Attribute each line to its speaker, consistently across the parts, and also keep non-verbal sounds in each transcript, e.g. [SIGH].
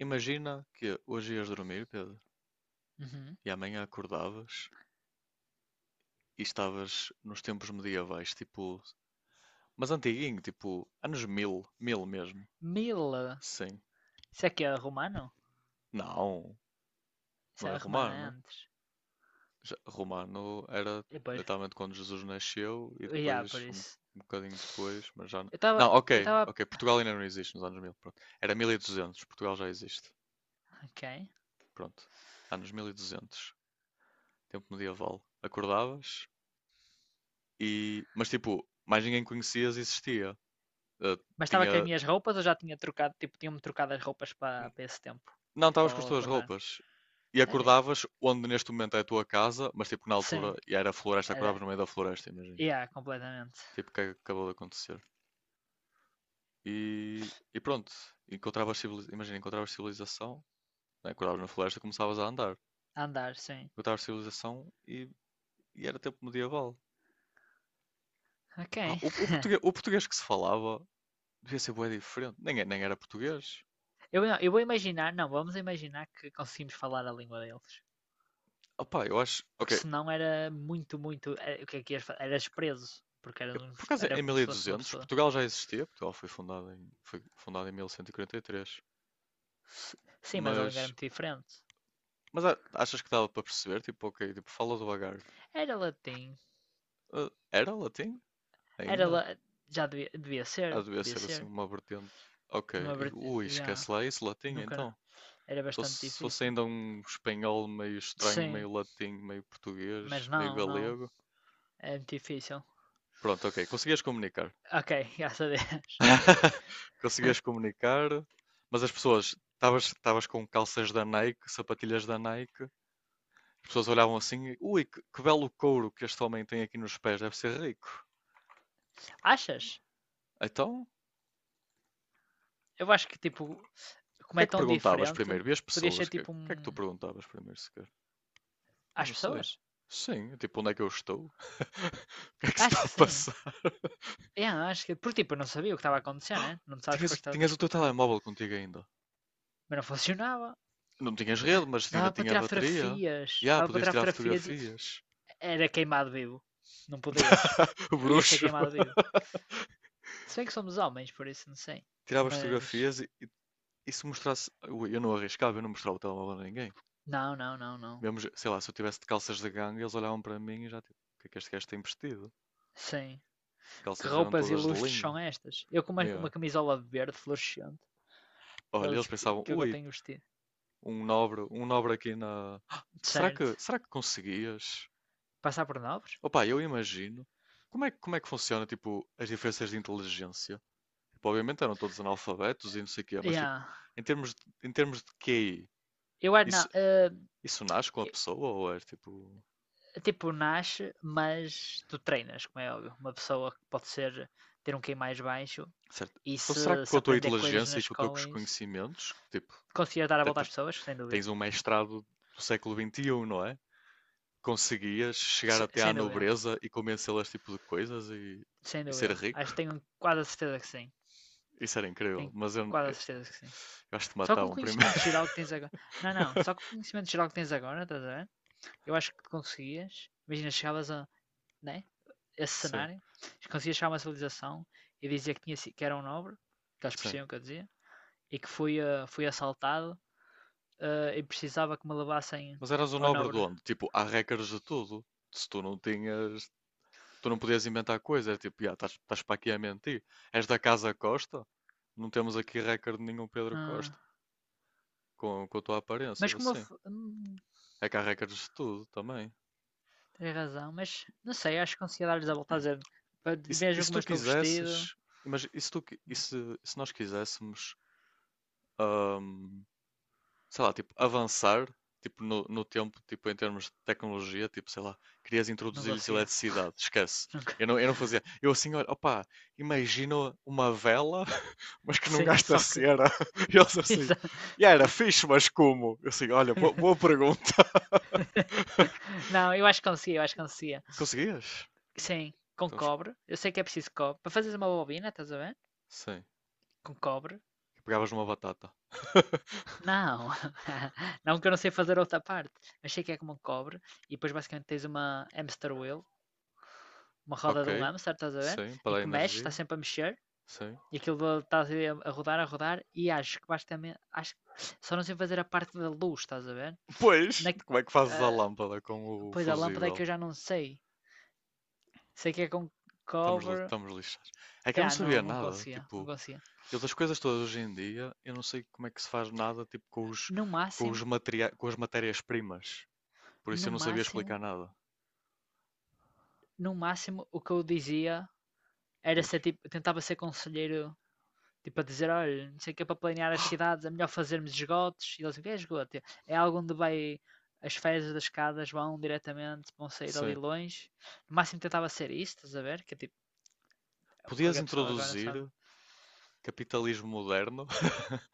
Speaker 1: Imagina que hoje ias dormir, Pedro,
Speaker 2: Uhum.
Speaker 1: e amanhã acordavas e estavas nos tempos medievais, tipo, mas antiguinho, tipo, anos mil, mil mesmo.
Speaker 2: Mila.
Speaker 1: Sim.
Speaker 2: Isso aqui é romano?
Speaker 1: Não,
Speaker 2: Isso
Speaker 1: não é
Speaker 2: é romano é
Speaker 1: romano.
Speaker 2: antes.
Speaker 1: Romano era
Speaker 2: E depois.
Speaker 1: literalmente quando Jesus nasceu e
Speaker 2: Yeah, por
Speaker 1: depois,
Speaker 2: isso.
Speaker 1: bocadinho depois, mas já não.
Speaker 2: Eu estava.
Speaker 1: Não,
Speaker 2: Eu
Speaker 1: ok,
Speaker 2: estava.
Speaker 1: ok, Portugal ainda não existe nos anos 1000, pronto. Era 1200, Portugal já existe.
Speaker 2: Ok.
Speaker 1: Pronto. Anos 1200, tempo medieval. Acordavas, e, mas tipo, mais ninguém conhecias e existia. Eh,
Speaker 2: Mas estava com as
Speaker 1: tinha.
Speaker 2: minhas roupas ou já tinha trocado? Tipo, tinha-me trocado as roupas para esse tempo.
Speaker 1: Não
Speaker 2: Tipo,
Speaker 1: estavas com as
Speaker 2: ao
Speaker 1: tuas
Speaker 2: acordar.
Speaker 1: roupas. E
Speaker 2: Sério?
Speaker 1: acordavas onde neste momento é a tua casa, mas tipo na
Speaker 2: Sim.
Speaker 1: altura e era floresta, acordavas
Speaker 2: Era.
Speaker 1: no meio da floresta, imagina.
Speaker 2: Yeah, completamente.
Speaker 1: Tipo, o que é que acabou de acontecer? E pronto, imagina, encontravas civilização, né? Acordavas na floresta e começavas a andar.
Speaker 2: A andar, sim.
Speaker 1: Encontravas civilização e era tempo medieval. Ah,
Speaker 2: Ok.
Speaker 1: o
Speaker 2: [LAUGHS]
Speaker 1: português, o português que se falava devia ser bué diferente. Nem, nem era português.
Speaker 2: Eu, não, eu vou imaginar. Não, vamos imaginar que conseguimos falar a língua deles.
Speaker 1: Opá, eu acho.
Speaker 2: Porque
Speaker 1: Ok,
Speaker 2: senão era muito, muito. O que é que ias fa- Eras preso. Porque era,
Speaker 1: eu,
Speaker 2: um,
Speaker 1: por acaso,
Speaker 2: era
Speaker 1: em
Speaker 2: como se fosse uma
Speaker 1: 1200,
Speaker 2: pessoa.
Speaker 1: Portugal já existia. Portugal foi foi fundado em 1143,
Speaker 2: Sim, mas a língua era
Speaker 1: mas,
Speaker 2: muito diferente.
Speaker 1: mas achas que dava para perceber? Tipo, ok, tipo, fala devagar.
Speaker 2: Era latim.
Speaker 1: Ah, era latim?
Speaker 2: Era
Speaker 1: Ainda?
Speaker 2: la... Já devia
Speaker 1: Já
Speaker 2: ser.
Speaker 1: devia
Speaker 2: Devia
Speaker 1: ser assim
Speaker 2: ser.
Speaker 1: uma vertente. Ok,
Speaker 2: Numa...
Speaker 1: ui,
Speaker 2: Já.
Speaker 1: esquece lá isso, latim
Speaker 2: Nunca.
Speaker 1: então.
Speaker 2: Era
Speaker 1: Se fosse,
Speaker 2: bastante
Speaker 1: se fosse
Speaker 2: difícil.
Speaker 1: ainda um espanhol meio estranho,
Speaker 2: Sim.
Speaker 1: meio latim, meio
Speaker 2: Mas
Speaker 1: português, meio
Speaker 2: não, não.
Speaker 1: galego.
Speaker 2: É muito difícil.
Speaker 1: Pronto, ok, conseguias comunicar.
Speaker 2: Ok, [LAUGHS] graças a Deus.
Speaker 1: [LAUGHS] Conseguias comunicar, mas as pessoas, estavas com calças da Nike, sapatilhas da Nike, as pessoas olhavam assim, e, ui, que belo couro que este homem tem aqui nos pés, deve ser rico.
Speaker 2: Achas?
Speaker 1: Então, o
Speaker 2: Eu acho que, tipo, como
Speaker 1: que é
Speaker 2: é
Speaker 1: que
Speaker 2: tão
Speaker 1: perguntavas
Speaker 2: diferente,
Speaker 1: primeiro? E as
Speaker 2: podia
Speaker 1: pessoas,
Speaker 2: ser,
Speaker 1: o que,
Speaker 2: tipo.
Speaker 1: que é que tu perguntavas primeiro sequer? Eu
Speaker 2: Às
Speaker 1: não sei.
Speaker 2: pessoas?
Speaker 1: Sim, tipo, onde é que eu estou? [LAUGHS] O que é que se está
Speaker 2: Acho que
Speaker 1: a
Speaker 2: sim.
Speaker 1: passar?
Speaker 2: É, acho que, porque, tipo, eu não sabia o que estava a acontecer,
Speaker 1: [GASPS]
Speaker 2: né? Não sabes que
Speaker 1: Tinhas,
Speaker 2: foste
Speaker 1: tinhas o teu
Speaker 2: teletransportado.
Speaker 1: telemóvel contigo ainda.
Speaker 2: Mas não funcionava.
Speaker 1: Não tinhas rede, mas ainda
Speaker 2: Dava para
Speaker 1: tinha
Speaker 2: tirar
Speaker 1: bateria.
Speaker 2: fotografias.
Speaker 1: E ah,
Speaker 2: Dava para
Speaker 1: podias
Speaker 2: tirar
Speaker 1: tirar
Speaker 2: fotografias.
Speaker 1: fotografias.
Speaker 2: Era queimado vivo. Não podias.
Speaker 1: [LAUGHS] O
Speaker 2: Ia ser
Speaker 1: bruxo.
Speaker 2: queimado vivo.
Speaker 1: [LAUGHS]
Speaker 2: Se bem que somos homens, por isso não sei.
Speaker 1: Tirava as
Speaker 2: Mas.
Speaker 1: fotografias e se mostrasse. Eu não arriscava, eu não mostrava o telemóvel a ninguém.
Speaker 2: Não, não, não, não.
Speaker 1: Mesmo, sei lá, se eu tivesse de calças de gangue, eles olhavam para mim e já tipo, o que é que este gajo tem vestido?
Speaker 2: Sim.
Speaker 1: As
Speaker 2: Que
Speaker 1: calças eram
Speaker 2: roupas
Speaker 1: todas de
Speaker 2: ilustres são
Speaker 1: linho.
Speaker 2: estas? Eu com uma
Speaker 1: Yeah.
Speaker 2: camisola verde fluorescente.
Speaker 1: Olha, eles
Speaker 2: Eles que,
Speaker 1: pensavam,
Speaker 2: que eu
Speaker 1: ui,
Speaker 2: tenho vestido.
Speaker 1: um nobre aqui na. Ah,
Speaker 2: Certo.
Speaker 1: será que conseguias?
Speaker 2: Passar por nobres?
Speaker 1: Opa, eu imagino. Como é, como é que funciona, tipo, as diferenças de inteligência? Tipo, obviamente eram todos analfabetos e não sei o quê, mas tipo,
Speaker 2: Yeah.
Speaker 1: em termos de QI,
Speaker 2: Eu acho
Speaker 1: isso,
Speaker 2: não. eh,
Speaker 1: isso nasce com a pessoa ou é tipo.
Speaker 2: eh, tipo, nasce, mas tu treinas, como é óbvio. Uma pessoa que pode ser ter um QI mais baixo
Speaker 1: Certo?
Speaker 2: e
Speaker 1: Então
Speaker 2: se,
Speaker 1: será que com
Speaker 2: se
Speaker 1: a tua
Speaker 2: aprender coisas na
Speaker 1: inteligência e com os
Speaker 2: escola
Speaker 1: teus
Speaker 2: e
Speaker 1: conhecimentos, tipo,
Speaker 2: conseguir dar a
Speaker 1: te-
Speaker 2: volta às
Speaker 1: te-
Speaker 2: pessoas, sem dúvida.
Speaker 1: tens um mestrado do século XXI, não é? Conseguias chegar até à
Speaker 2: Sem dúvida,
Speaker 1: nobreza e convencê-las tipo de coisas
Speaker 2: sem
Speaker 1: e ser
Speaker 2: dúvida. Acho
Speaker 1: rico?
Speaker 2: que tenho quase a certeza que sim.
Speaker 1: Isso era incrível,
Speaker 2: Tenho
Speaker 1: mas
Speaker 2: quase a certeza que sim.
Speaker 1: eu acho que te
Speaker 2: Só com o
Speaker 1: matavam primeiro.
Speaker 2: conhecimento
Speaker 1: [LAUGHS]
Speaker 2: geral que tens agora. Não, não, só com o conhecimento geral que tens agora, estás a ver? Eu acho que conseguias. Imagina, chegavas a, né? Esse
Speaker 1: Sim,
Speaker 2: cenário, conseguias chegar a uma civilização e dizer que, que era um nobre, que eles
Speaker 1: sim.
Speaker 2: percebiam o que eu dizia, e que fui assaltado, e precisava que me levassem
Speaker 1: Mas eras um
Speaker 2: ao
Speaker 1: nobre de
Speaker 2: nobre.
Speaker 1: onde? Tipo, há regras de tudo. Se tu não tinhas. Tu não podias inventar coisas, era tipo, "Ya, estás para aqui a mentir. És da Casa Costa? Não temos aqui recorde de nenhum Pedro
Speaker 2: Ah,
Speaker 1: Costa, com a tua aparência,
Speaker 2: mas
Speaker 1: ou
Speaker 2: como eu.
Speaker 1: assim."
Speaker 2: f- Hum,
Speaker 1: É que há recordes de tudo também.
Speaker 2: tens razão, mas não sei, acho que conseguia dar-lhes a volta a dizer. "Pa-
Speaker 1: E
Speaker 2: Vejam
Speaker 1: se
Speaker 2: como
Speaker 1: tu
Speaker 2: eu estou vestido.
Speaker 1: quisesses, imagina, e se, e se, e se nós quiséssemos, ahm, sei lá, tipo, avançar, tipo, no tempo, tipo, em termos de tecnologia, tipo, sei lá, querias
Speaker 2: Não
Speaker 1: introduzir-lhes
Speaker 2: conseguia.
Speaker 1: eletricidade, esquece.
Speaker 2: Nunca. [LAUGHS]
Speaker 1: Eu não fazia. Eu assim, olha, opá, imagino uma vela, [LAUGHS] mas que não
Speaker 2: Sim,
Speaker 1: gasta
Speaker 2: só que.
Speaker 1: cera. [LAUGHS] E eles assim,
Speaker 2: [LAUGHS]
Speaker 1: e era fixe, mas como? Eu assim, olha, boa, boa pergunta. [LAUGHS]
Speaker 2: Não, eu acho que conseguia, eu acho que conseguia.
Speaker 1: Conseguias?
Speaker 2: Sim, com
Speaker 1: Então,
Speaker 2: cobre. Eu sei que é preciso cobre. Para fazeres uma bobina, estás a ver?
Speaker 1: sim,
Speaker 2: Com cobre.
Speaker 1: pegavas numa batata. [LAUGHS]
Speaker 2: Não, [LAUGHS] não que eu não sei fazer outra parte, mas sei que é como um cobre e depois basicamente tens uma hamster wheel, uma roda de um
Speaker 1: Ok.
Speaker 2: hamster, estás a ver?
Speaker 1: Sim,
Speaker 2: Em
Speaker 1: para dar
Speaker 2: que mexe, está
Speaker 1: energia.
Speaker 2: sempre a mexer
Speaker 1: Sim.
Speaker 2: e aquilo está a rodar, a rodar e acho que basicamente, acho só não sei fazer a parte da luz, estás a ver?
Speaker 1: Pois,
Speaker 2: Na,
Speaker 1: como é que fazes a
Speaker 2: ah,
Speaker 1: lâmpada com o
Speaker 2: pois a lâmpada é que
Speaker 1: fusível?
Speaker 2: eu já não sei, sei que é com
Speaker 1: Estamos,
Speaker 2: cover.
Speaker 1: estamos lixados. É que eu não
Speaker 2: Ah,
Speaker 1: sabia
Speaker 2: não, não
Speaker 1: nada,
Speaker 2: conseguia, não
Speaker 1: tipo,
Speaker 2: conseguia.
Speaker 1: eu das coisas todas hoje em dia, eu não sei como é que se faz nada, tipo, com os,
Speaker 2: No máximo,
Speaker 1: com as matérias-primas. Por isso
Speaker 2: no
Speaker 1: eu não sabia
Speaker 2: máximo,
Speaker 1: explicar nada.
Speaker 2: no máximo, o que eu dizia era
Speaker 1: Diz.
Speaker 2: ser tipo, tentava ser conselheiro, tipo, a dizer: olha, não sei o que é para planear as
Speaker 1: [GASPS]
Speaker 2: cidades, é melhor fazermos esgotos. E eles dizem: é esgoto? É algo onde vai. As fezes das escadas vão diretamente, vão sair ali
Speaker 1: Sim.
Speaker 2: longe. No máximo tentava ser isso, estás a ver? Que é tipo,
Speaker 1: Podias
Speaker 2: qualquer pessoa agora sabe.
Speaker 1: introduzir capitalismo moderno. [LAUGHS]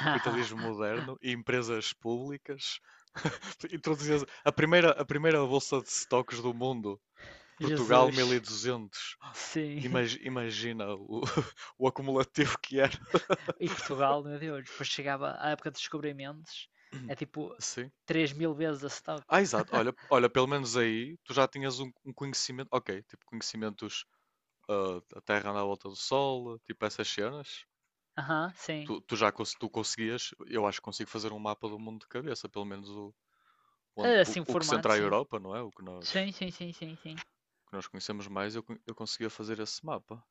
Speaker 1: Capitalismo moderno e empresas públicas. [LAUGHS] Introduzia a primeira bolsa de stocks do mundo.
Speaker 2: Ah,
Speaker 1: Portugal
Speaker 2: Jesus,
Speaker 1: 1200.
Speaker 2: sim.
Speaker 1: Imagina o, [LAUGHS] o acumulativo que era.
Speaker 2: E Portugal, meu Deus, depois chegava a época de descobrimentos,
Speaker 1: [COUGHS]
Speaker 2: é tipo
Speaker 1: Sim.
Speaker 2: 3.000 vezes a stock.
Speaker 1: Ah, exato. Olha, olha, pelo menos aí tu já tinhas um, um conhecimento. Ok, tipo conhecimentos ah, da Terra na volta do Sol, tipo essas cenas.
Speaker 2: Aham, sim.
Speaker 1: Tu já tu conseguias, eu acho que consigo fazer um mapa do mundo de cabeça, pelo menos o,
Speaker 2: Ah, assim o
Speaker 1: o que
Speaker 2: formato,
Speaker 1: centra a
Speaker 2: sim.
Speaker 1: Europa, não é? O que nós.
Speaker 2: Sim, sim, sim, sim, sim.
Speaker 1: Que nós conhecemos mais, eu, eu conseguia fazer esse mapa.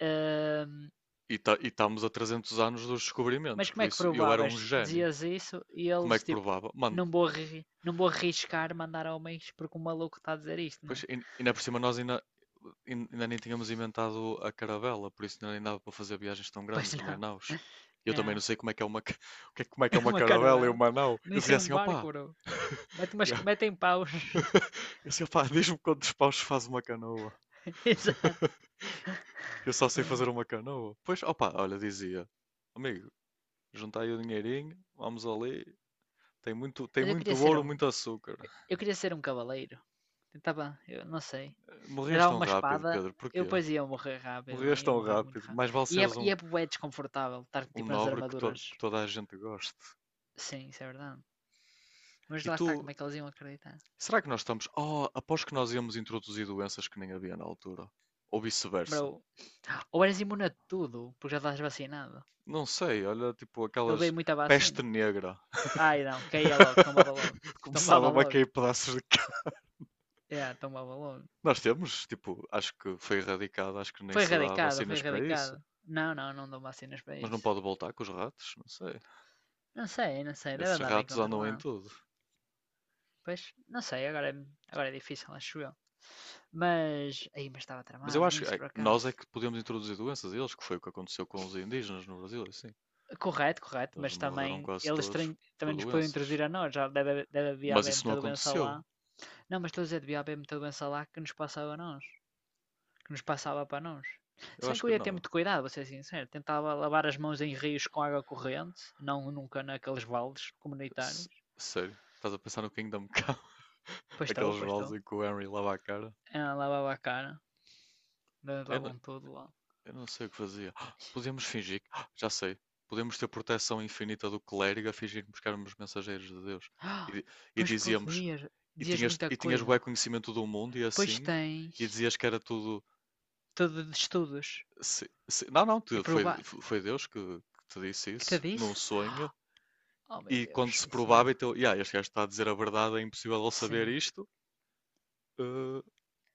Speaker 2: Ahm,
Speaker 1: E, tá, e estamos a 300 anos dos descobrimentos,
Speaker 2: mas como
Speaker 1: por
Speaker 2: é que
Speaker 1: isso eu era um
Speaker 2: provavas?
Speaker 1: gênio.
Speaker 2: Dizias isso e
Speaker 1: Como é
Speaker 2: eles
Speaker 1: que
Speaker 2: tipo,
Speaker 1: provava? Mano,
Speaker 2: não vou arriscar mandar homens porque o maluco está a dizer isto, não
Speaker 1: pois,
Speaker 2: é?
Speaker 1: e
Speaker 2: [LAUGHS]
Speaker 1: ainda por cima nós ainda, ainda nem tínhamos inventado a caravela, por isso ainda nem dava para fazer viagens tão
Speaker 2: Pois
Speaker 1: grandes, nem
Speaker 2: não.
Speaker 1: naus. E eu
Speaker 2: É
Speaker 1: também não sei como é que é uma, [LAUGHS] como é que é
Speaker 2: [LAUGHS]
Speaker 1: uma
Speaker 2: uma
Speaker 1: caravela e
Speaker 2: caravela.
Speaker 1: uma nau. Eu
Speaker 2: Nem
Speaker 1: dizia
Speaker 2: sei um
Speaker 1: assim,
Speaker 2: barco,
Speaker 1: opá,
Speaker 2: bro. Mete umas,
Speaker 1: yeah.
Speaker 2: metem paus. [LAUGHS]
Speaker 1: [LAUGHS] Eu dizia, opá, diz-me quantos paus faz uma canoa.
Speaker 2: Exato.
Speaker 1: [LAUGHS] Eu só sei
Speaker 2: Ah.
Speaker 1: fazer uma canoa. Pois, opá, olha, dizia, amigo, juntai o dinheirinho, vamos ali, tem muito, tem
Speaker 2: Mas eu queria
Speaker 1: muito
Speaker 2: ser
Speaker 1: ouro,
Speaker 2: um.
Speaker 1: muito açúcar.
Speaker 2: Eu queria ser um cavaleiro. Tentava, eu não sei.
Speaker 1: Eh,
Speaker 2: Eu
Speaker 1: morrias
Speaker 2: dava
Speaker 1: tão
Speaker 2: uma
Speaker 1: rápido,
Speaker 2: espada,
Speaker 1: Pedro,
Speaker 2: eu
Speaker 1: porquê?
Speaker 2: depois ia morrer rápido, não?
Speaker 1: Morrias
Speaker 2: É? Ia
Speaker 1: tão
Speaker 2: morrer muito
Speaker 1: rápido.
Speaker 2: rápido.
Speaker 1: Mais vale
Speaker 2: E é,
Speaker 1: seres
Speaker 2: e
Speaker 1: um,
Speaker 2: é bué desconfortável estar
Speaker 1: um
Speaker 2: tipo nas
Speaker 1: nobre que,
Speaker 2: armaduras.
Speaker 1: que toda a gente goste.
Speaker 2: Sim, isso é verdade. Mas
Speaker 1: E
Speaker 2: lá
Speaker 1: tu,
Speaker 2: está, como é que eles iam acreditar?
Speaker 1: será que nós estamos. Oh, após que nós íamos introduzir doenças que nem havia na altura. Ou
Speaker 2: Bro,
Speaker 1: vice-versa.
Speaker 2: ou eras imune a tudo, porque já estás vacinado.
Speaker 1: Não sei, olha, tipo
Speaker 2: Eu levei
Speaker 1: aquelas.
Speaker 2: muita
Speaker 1: Peste
Speaker 2: vacina.
Speaker 1: negra.
Speaker 2: Ai não, caía logo, tombava logo.
Speaker 1: [LAUGHS]
Speaker 2: [LAUGHS] Tombava
Speaker 1: Começava a
Speaker 2: logo.
Speaker 1: cair pedaços de carne.
Speaker 2: É, yeah, tombava logo.
Speaker 1: Nós temos, tipo, acho que foi erradicado, acho que nem
Speaker 2: Foi
Speaker 1: se dá
Speaker 2: erradicado, foi
Speaker 1: vacinas para
Speaker 2: erradicado.
Speaker 1: isso.
Speaker 2: Não, não, não dão vacinas para
Speaker 1: Mas não
Speaker 2: isso.
Speaker 1: pode voltar com os ratos, não sei.
Speaker 2: Não sei, não sei, deve
Speaker 1: Esses
Speaker 2: andar bem
Speaker 1: ratos andam em
Speaker 2: controlado.
Speaker 1: tudo.
Speaker 2: Pois, não sei, agora é difícil, acho eu. Mas, aí, mas estava
Speaker 1: Mas eu
Speaker 2: tramado
Speaker 1: acho que
Speaker 2: nisso,
Speaker 1: ai,
Speaker 2: por
Speaker 1: nós
Speaker 2: acaso.
Speaker 1: é que podemos introduzir doenças a eles, que foi o que aconteceu com os indígenas no Brasil, é assim.
Speaker 2: Correto, correto,
Speaker 1: Eles
Speaker 2: mas
Speaker 1: morreram
Speaker 2: também
Speaker 1: quase
Speaker 2: eles
Speaker 1: todos
Speaker 2: trin-
Speaker 1: por
Speaker 2: também nos podiam
Speaker 1: doenças.
Speaker 2: introduzir a nós, já deve haver
Speaker 1: Mas
Speaker 2: haver
Speaker 1: isso não
Speaker 2: muita doença
Speaker 1: aconteceu.
Speaker 2: lá. Não, mas estou a dizer, devia haver muita doença lá que nos passava a nós, que nos passava para nós. Se
Speaker 1: Eu
Speaker 2: bem
Speaker 1: acho
Speaker 2: que eu
Speaker 1: que
Speaker 2: ia ter
Speaker 1: não.
Speaker 2: muito cuidado, vou ser sincero, tentava lavar as mãos em rios com água corrente, não nunca naqueles vales
Speaker 1: S-
Speaker 2: comunitários.
Speaker 1: Sério. Estás a pensar no Kingdom Come? [LAUGHS]
Speaker 2: Pois estou,
Speaker 1: Aqueles
Speaker 2: pois estou.
Speaker 1: baldes em que o Henry lava a cara?
Speaker 2: Ela lavava a cara, eles
Speaker 1: Eu não,
Speaker 2: lavam tudo lá.
Speaker 1: eu não sei o que fazia. Ah, podemos fingir que... [GASPS] ah, já sei. Podemos ter proteção infinita do clérigo a fingirmos que éramos mensageiros de Deus. E,
Speaker 2: Ah,
Speaker 1: e
Speaker 2: pois
Speaker 1: dizíamos...
Speaker 2: podias, dizias muita
Speaker 1: E tinhas
Speaker 2: coisa.
Speaker 1: bué conhecimento do mundo e
Speaker 2: Pois
Speaker 1: assim... E
Speaker 2: tens
Speaker 1: dizias que era tudo.
Speaker 2: todo de estudos
Speaker 1: Não, não,
Speaker 2: e
Speaker 1: foi,
Speaker 2: provar.
Speaker 1: foi Deus que te disse
Speaker 2: Que te
Speaker 1: isso num
Speaker 2: disse?
Speaker 1: sonho.
Speaker 2: Oh meu
Speaker 1: E quando
Speaker 2: Deus,
Speaker 1: se
Speaker 2: isso
Speaker 1: provava,
Speaker 2: é.
Speaker 1: então, yeah, este gajo está a dizer a verdade, é impossível ele saber
Speaker 2: Sim.
Speaker 1: isto. Eh,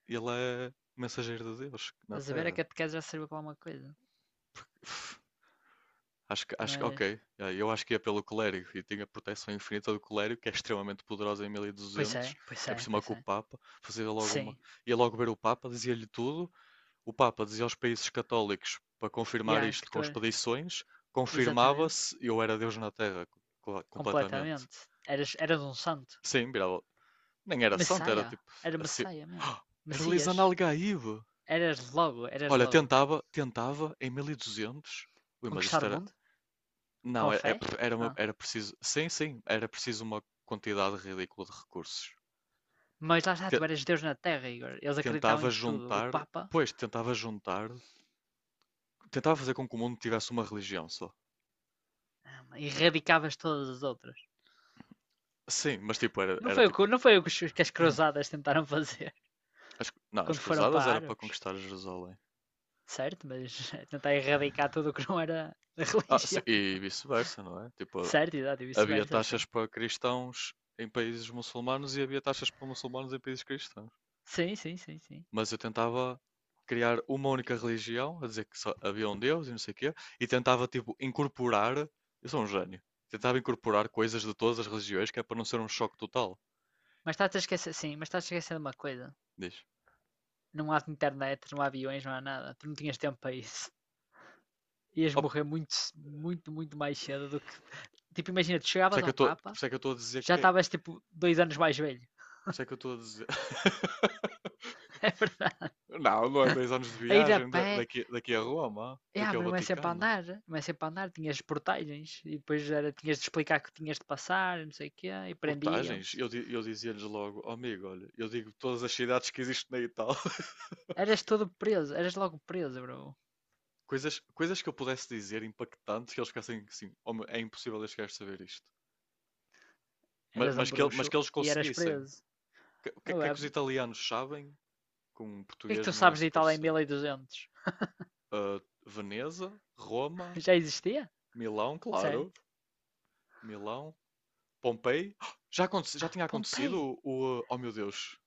Speaker 1: ele é mensageiro de Deus na
Speaker 2: Estás a ver? A
Speaker 1: Terra.
Speaker 2: catequese já serviu para alguma coisa.
Speaker 1: [SIGHS] Uf, acho que, acho que,
Speaker 2: Mas.
Speaker 1: ok, yeah, eu acho que ia pelo clérigo e tinha a proteção infinita do clérigo, que é extremamente poderosa em
Speaker 2: Pois é,
Speaker 1: 1200.
Speaker 2: pois
Speaker 1: É
Speaker 2: é,
Speaker 1: por cima
Speaker 2: pois
Speaker 1: com o
Speaker 2: é.
Speaker 1: Papa, fazia logo
Speaker 2: Sim.
Speaker 1: uma, ia logo ver o Papa, dizia-lhe tudo. O Papa dizia aos países católicos para
Speaker 2: E
Speaker 1: confirmar
Speaker 2: yeah, que
Speaker 1: isto
Speaker 2: tu
Speaker 1: com
Speaker 2: era.
Speaker 1: expedições,
Speaker 2: Exatamente.
Speaker 1: confirmava-se e eu era Deus na Terra, completamente.
Speaker 2: Completamente. Eras um santo.
Speaker 1: Sim, virava. Nem era santo, era
Speaker 2: Messias.
Speaker 1: tipo
Speaker 2: Era
Speaker 1: assim.
Speaker 2: messias mesmo.
Speaker 1: Ah, era
Speaker 2: Messias.
Speaker 1: Lisan Algaíbe.
Speaker 2: Eras logo, eras
Speaker 1: Olha,
Speaker 2: logo.
Speaker 1: tentava, tentava em 1200. Ui, mas
Speaker 2: Conquistar
Speaker 1: isto
Speaker 2: o
Speaker 1: era.
Speaker 2: mundo?
Speaker 1: Não,
Speaker 2: Com a fé?
Speaker 1: era,
Speaker 2: Ah.
Speaker 1: era preciso. Sim, sim, era preciso uma quantidade ridícula de recursos.
Speaker 2: Mas lá está,
Speaker 1: Te-
Speaker 2: tu eras Deus na Terra, Igor. Eles acreditavam
Speaker 1: tentava
Speaker 2: em tudo. O
Speaker 1: juntar.
Speaker 2: Papa
Speaker 1: Pois, tentava juntar. Tentava fazer com que o mundo tivesse uma religião só.
Speaker 2: Erradicavas todas as outras.
Speaker 1: Sim, mas tipo, era,
Speaker 2: Não
Speaker 1: era
Speaker 2: foi o
Speaker 1: tipo.
Speaker 2: que, não foi o que as cruzadas tentaram [LAUGHS] fazer
Speaker 1: Não, as
Speaker 2: quando foram para
Speaker 1: cruzadas era para
Speaker 2: árabes.
Speaker 1: conquistar Jerusalém.
Speaker 2: Certo, mas [LAUGHS] tentar erradicar tudo o que não era da [LAUGHS]
Speaker 1: Ah, sim,
Speaker 2: religião
Speaker 1: e
Speaker 2: dele.
Speaker 1: vice-versa, não é? Tipo,
Speaker 2: Certo, exato, e
Speaker 1: havia
Speaker 2: vice-versa,
Speaker 1: taxas
Speaker 2: sim.
Speaker 1: para cristãos em países muçulmanos e havia taxas para muçulmanos em países cristãos.
Speaker 2: Sim, sim, sim, sim.
Speaker 1: Mas eu tentava criar uma única religião, a dizer que só havia um Deus e não sei o quê, e tentava, tipo, incorporar. Eu sou um gênio. Tentava incorporar coisas de todas as religiões, que é para não ser um choque total.
Speaker 2: Mas estás a esquecer, sim, mas estás a esquecer de uma coisa.
Speaker 1: Diz.
Speaker 2: Não há internet, não há aviões, não há nada. Tu não tinhas tempo para isso. [LAUGHS] Ias
Speaker 1: Oh, por
Speaker 2: morrer muito, muito, muito mais cedo do que. Tipo, imagina, tu
Speaker 1: isso é
Speaker 2: chegavas ao Papa,
Speaker 1: que eu estou a dizer
Speaker 2: já
Speaker 1: que é.
Speaker 2: estavas tipo 2 anos mais velho.
Speaker 1: Por isso é que eu estou a dizer. [LAUGHS]
Speaker 2: [LAUGHS] É verdade.
Speaker 1: Não, não é dois anos de
Speaker 2: A ir a
Speaker 1: viagem
Speaker 2: pé,
Speaker 1: daqui, daqui a Roma,
Speaker 2: yeah,
Speaker 1: daqui ao
Speaker 2: mas não é sempre a
Speaker 1: Vaticano.
Speaker 2: andar, não é sempre a andar, tinhas portagens e depois era, tinhas de explicar que tinhas de passar, não sei o quê, e
Speaker 1: Portagens.
Speaker 2: prendiam-te.
Speaker 1: Eu, eu dizia-lhes logo, "Oh, amigo, olha, eu digo todas as cidades que existem na Itália." [LAUGHS]
Speaker 2: Eras todo preso, eras logo preso, bro.
Speaker 1: Coisas, coisas que eu pudesse dizer impactantes que eles ficassem assim, "Oh, meu, é impossível este gajo saber isto."
Speaker 2: Eras um
Speaker 1: Mas, que, mas
Speaker 2: bruxo
Speaker 1: que eles
Speaker 2: e eras
Speaker 1: conseguissem.
Speaker 2: preso.
Speaker 1: O que,
Speaker 2: Não
Speaker 1: que é
Speaker 2: é?
Speaker 1: que
Speaker 2: O
Speaker 1: os italianos sabem? Que um
Speaker 2: que é que
Speaker 1: português
Speaker 2: tu
Speaker 1: não é
Speaker 2: sabes de
Speaker 1: suposto
Speaker 2: Itália em
Speaker 1: saber.
Speaker 2: 1200?
Speaker 1: Ah, Veneza,
Speaker 2: [LAUGHS]
Speaker 1: Roma,
Speaker 2: Já existia?
Speaker 1: Milão,
Speaker 2: Certo?
Speaker 1: claro. Milão, Pompei. [GASPS] Já, já tinha
Speaker 2: Pompei,
Speaker 1: acontecido o oh meu Deus!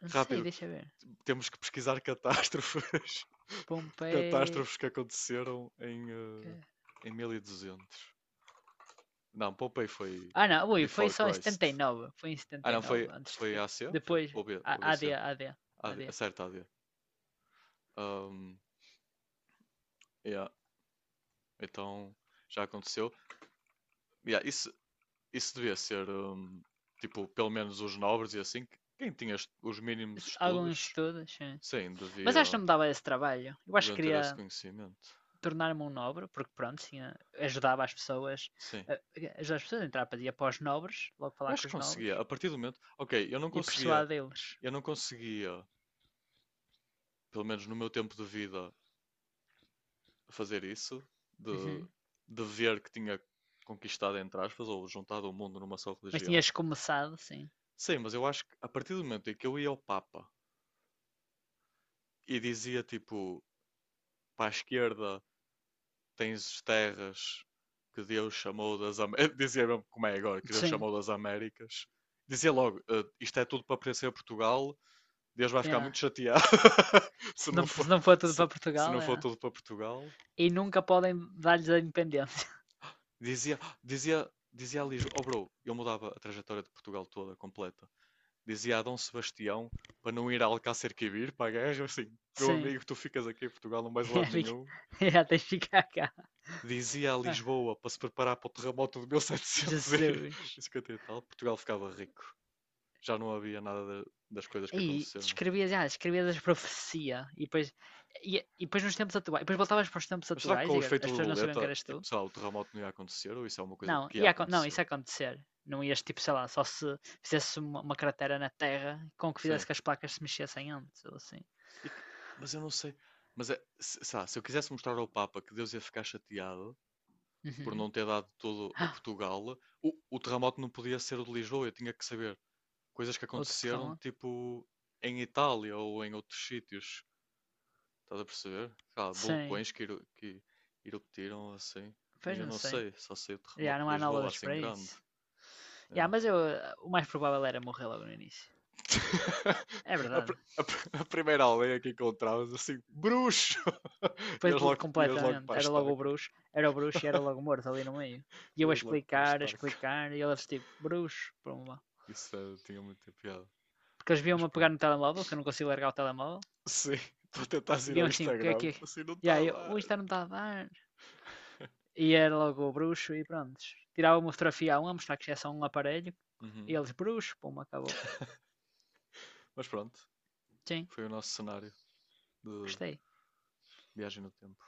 Speaker 2: não sei,
Speaker 1: Rápido,
Speaker 2: deixa ver.
Speaker 1: temos que pesquisar catástrofes, [LAUGHS]
Speaker 2: Pompei.
Speaker 1: catástrofes que aconteceram em, em 1200. Não, Pompei foi
Speaker 2: Ah não, ui, foi
Speaker 1: before
Speaker 2: só em
Speaker 1: Christ.
Speaker 2: 79, foi em
Speaker 1: Ah, não,
Speaker 2: 79,
Speaker 1: foi,
Speaker 2: antes
Speaker 1: foi
Speaker 2: de.
Speaker 1: a.C.? Foi
Speaker 2: Depois.
Speaker 1: O B OB,
Speaker 2: AD,
Speaker 1: OBC.
Speaker 2: AD,
Speaker 1: d.C.,
Speaker 2: AD.
Speaker 1: acerta AD. Um, yeah, então já aconteceu. Yeah, isso devia ser, tipo, pelo menos os nobres e assim, quem tinha os mínimos
Speaker 2: Alguns
Speaker 1: estudos,
Speaker 2: estudos, sim.
Speaker 1: sim,
Speaker 2: Mas
Speaker 1: devia,
Speaker 2: acho que não me dava esse trabalho. Eu acho que
Speaker 1: deviam ter esse
Speaker 2: queria
Speaker 1: conhecimento.
Speaker 2: tornar-me um nobre, porque pronto, ajudava as pessoas,
Speaker 1: Sim.
Speaker 2: eh, ajudava as pessoas a entrar para ir para os nobres, logo
Speaker 1: Eu
Speaker 2: falar
Speaker 1: acho
Speaker 2: com
Speaker 1: que
Speaker 2: os
Speaker 1: conseguia,
Speaker 2: nobres,
Speaker 1: a partir do momento. Ok,
Speaker 2: e persuadê-los.
Speaker 1: eu não conseguia, pelo menos no meu tempo de vida, fazer isso, de,
Speaker 2: Uhum.
Speaker 1: de ver que tinha conquistado, entre aspas, ou juntado o mundo numa só
Speaker 2: Mas
Speaker 1: religião.
Speaker 2: tinhas começado, sim.
Speaker 1: Sim, mas eu acho que a partir do momento em que eu ia ao Papa e dizia, tipo, para a esquerda tens terras que Deus chamou das Américas, [LAUGHS] dizia mesmo como é agora,
Speaker 2: [LAUGHS]
Speaker 1: que Deus
Speaker 2: Sim,
Speaker 1: chamou das Américas, dizia logo, "Eh, isto é tudo para pertencer a Portugal. Deus vai ficar
Speaker 2: yeah.
Speaker 1: muito chateado [LAUGHS] se,
Speaker 2: Se
Speaker 1: não
Speaker 2: não,
Speaker 1: for,
Speaker 2: se não for tudo
Speaker 1: se,
Speaker 2: para
Speaker 1: se
Speaker 2: Portugal,
Speaker 1: não for
Speaker 2: é.
Speaker 1: todo para Portugal."
Speaker 2: E nunca podem dar-lhes a independência.
Speaker 1: Dizia, dizia, dizia a Lijo, oh bro, eu mudava a trajetória de Portugal toda, completa. Dizia a Dom Sebastião para não ir a Alcácer Quibir para a guerra, assim,
Speaker 2: [LAUGHS]
Speaker 1: meu
Speaker 2: Sim,
Speaker 1: amigo, tu ficas aqui em Portugal, não vais a
Speaker 2: yeah,
Speaker 1: lado
Speaker 2: fica-
Speaker 1: nenhum.
Speaker 2: [LAUGHS] yeah, tens de ficar cá.
Speaker 1: Dizia a
Speaker 2: Ah,
Speaker 1: Lisboa para se preparar para o terremoto de
Speaker 2: Jesus.
Speaker 1: 1750 e [LAUGHS] cinquenta e tal, Portugal ficava rico. Já não havia nada das coisas que
Speaker 2: Aí,
Speaker 1: aconteceram.
Speaker 2: escrevias as profecia e depois, e, e depois nos tempos atuais, depois voltavas para os tempos
Speaker 1: Mas será que
Speaker 2: atuais
Speaker 1: com o
Speaker 2: e
Speaker 1: efeito
Speaker 2: as pessoas não sabiam que
Speaker 1: borboleta,
Speaker 2: eras tu.
Speaker 1: tipo, sei lá, o terremoto não ia acontecer? Ou isso é uma coisa
Speaker 2: Não,
Speaker 1: que ia
Speaker 2: ia, não,
Speaker 1: acontecer?
Speaker 2: isso ia acontecer. Não ias tipo, sei lá, só se fizesse uma cratera na terra com que fizesse
Speaker 1: Sim.
Speaker 2: que as placas se mexessem antes, ou assim.
Speaker 1: E que- mas eu não sei. Mas é, se, sabe, se eu quisesse mostrar ao Papa que Deus ia ficar chateado por
Speaker 2: Uhum.
Speaker 1: não ter dado tudo a
Speaker 2: Ah,
Speaker 1: Portugal, o terremoto não podia ser o de Lisboa. Eu tinha que saber coisas que
Speaker 2: outro
Speaker 1: aconteceram,
Speaker 2: terremoto?
Speaker 1: tipo, em Itália ou em outros sítios. Estás a perceber? Cá,
Speaker 2: Sim,
Speaker 1: vulcões que, que eruptaram assim.
Speaker 2: pois
Speaker 1: Eu
Speaker 2: não
Speaker 1: não
Speaker 2: sei.
Speaker 1: sei, só sei o
Speaker 2: Já,
Speaker 1: terremoto
Speaker 2: não
Speaker 1: de
Speaker 2: há
Speaker 1: Lisboa
Speaker 2: análogas
Speaker 1: assim
Speaker 2: para
Speaker 1: grande.
Speaker 2: isso. Já,
Speaker 1: É.
Speaker 2: mas eu, o mais provável era morrer logo no início.
Speaker 1: [LAUGHS]
Speaker 2: É
Speaker 1: A,
Speaker 2: verdade.
Speaker 1: a primeira aldeia que encontrávamos, assim, bruxo! [LAUGHS]
Speaker 2: Foi
Speaker 1: Ias, logo, ias logo para
Speaker 2: completamente.
Speaker 1: a
Speaker 2: Era logo o
Speaker 1: estaca.
Speaker 2: bruxo, era o bruxo e era
Speaker 1: [LAUGHS]
Speaker 2: logo o morto ali no meio. E eu
Speaker 1: Ias logo para a
Speaker 2: a
Speaker 1: estaca.
Speaker 2: explicar, e eles tipo, bruxo, pumba.
Speaker 1: Isso eh, tinha muita piada.
Speaker 2: Porque eles
Speaker 1: Mas
Speaker 2: viam-me a pegar
Speaker 1: pronto.
Speaker 2: no telemóvel, que eu não consigo largar o telemóvel,
Speaker 1: Sim, [LAUGHS] estou a
Speaker 2: e
Speaker 1: tentar ir ao
Speaker 2: viam assim, o que é que
Speaker 1: Instagram,
Speaker 2: é?
Speaker 1: assim, não
Speaker 2: E
Speaker 1: está a
Speaker 2: aí eu, "Ui,
Speaker 1: dar.
Speaker 2: isto não está a dar. E era logo o bruxo e pronto. Tirava uma fotografia a mostrar que isto é só um aparelho, e
Speaker 1: Uhum.
Speaker 2: eles, bruxo, pumba, acabou.
Speaker 1: Mas pronto,
Speaker 2: Sim,
Speaker 1: foi o nosso cenário de
Speaker 2: gostei.
Speaker 1: viagem no tempo.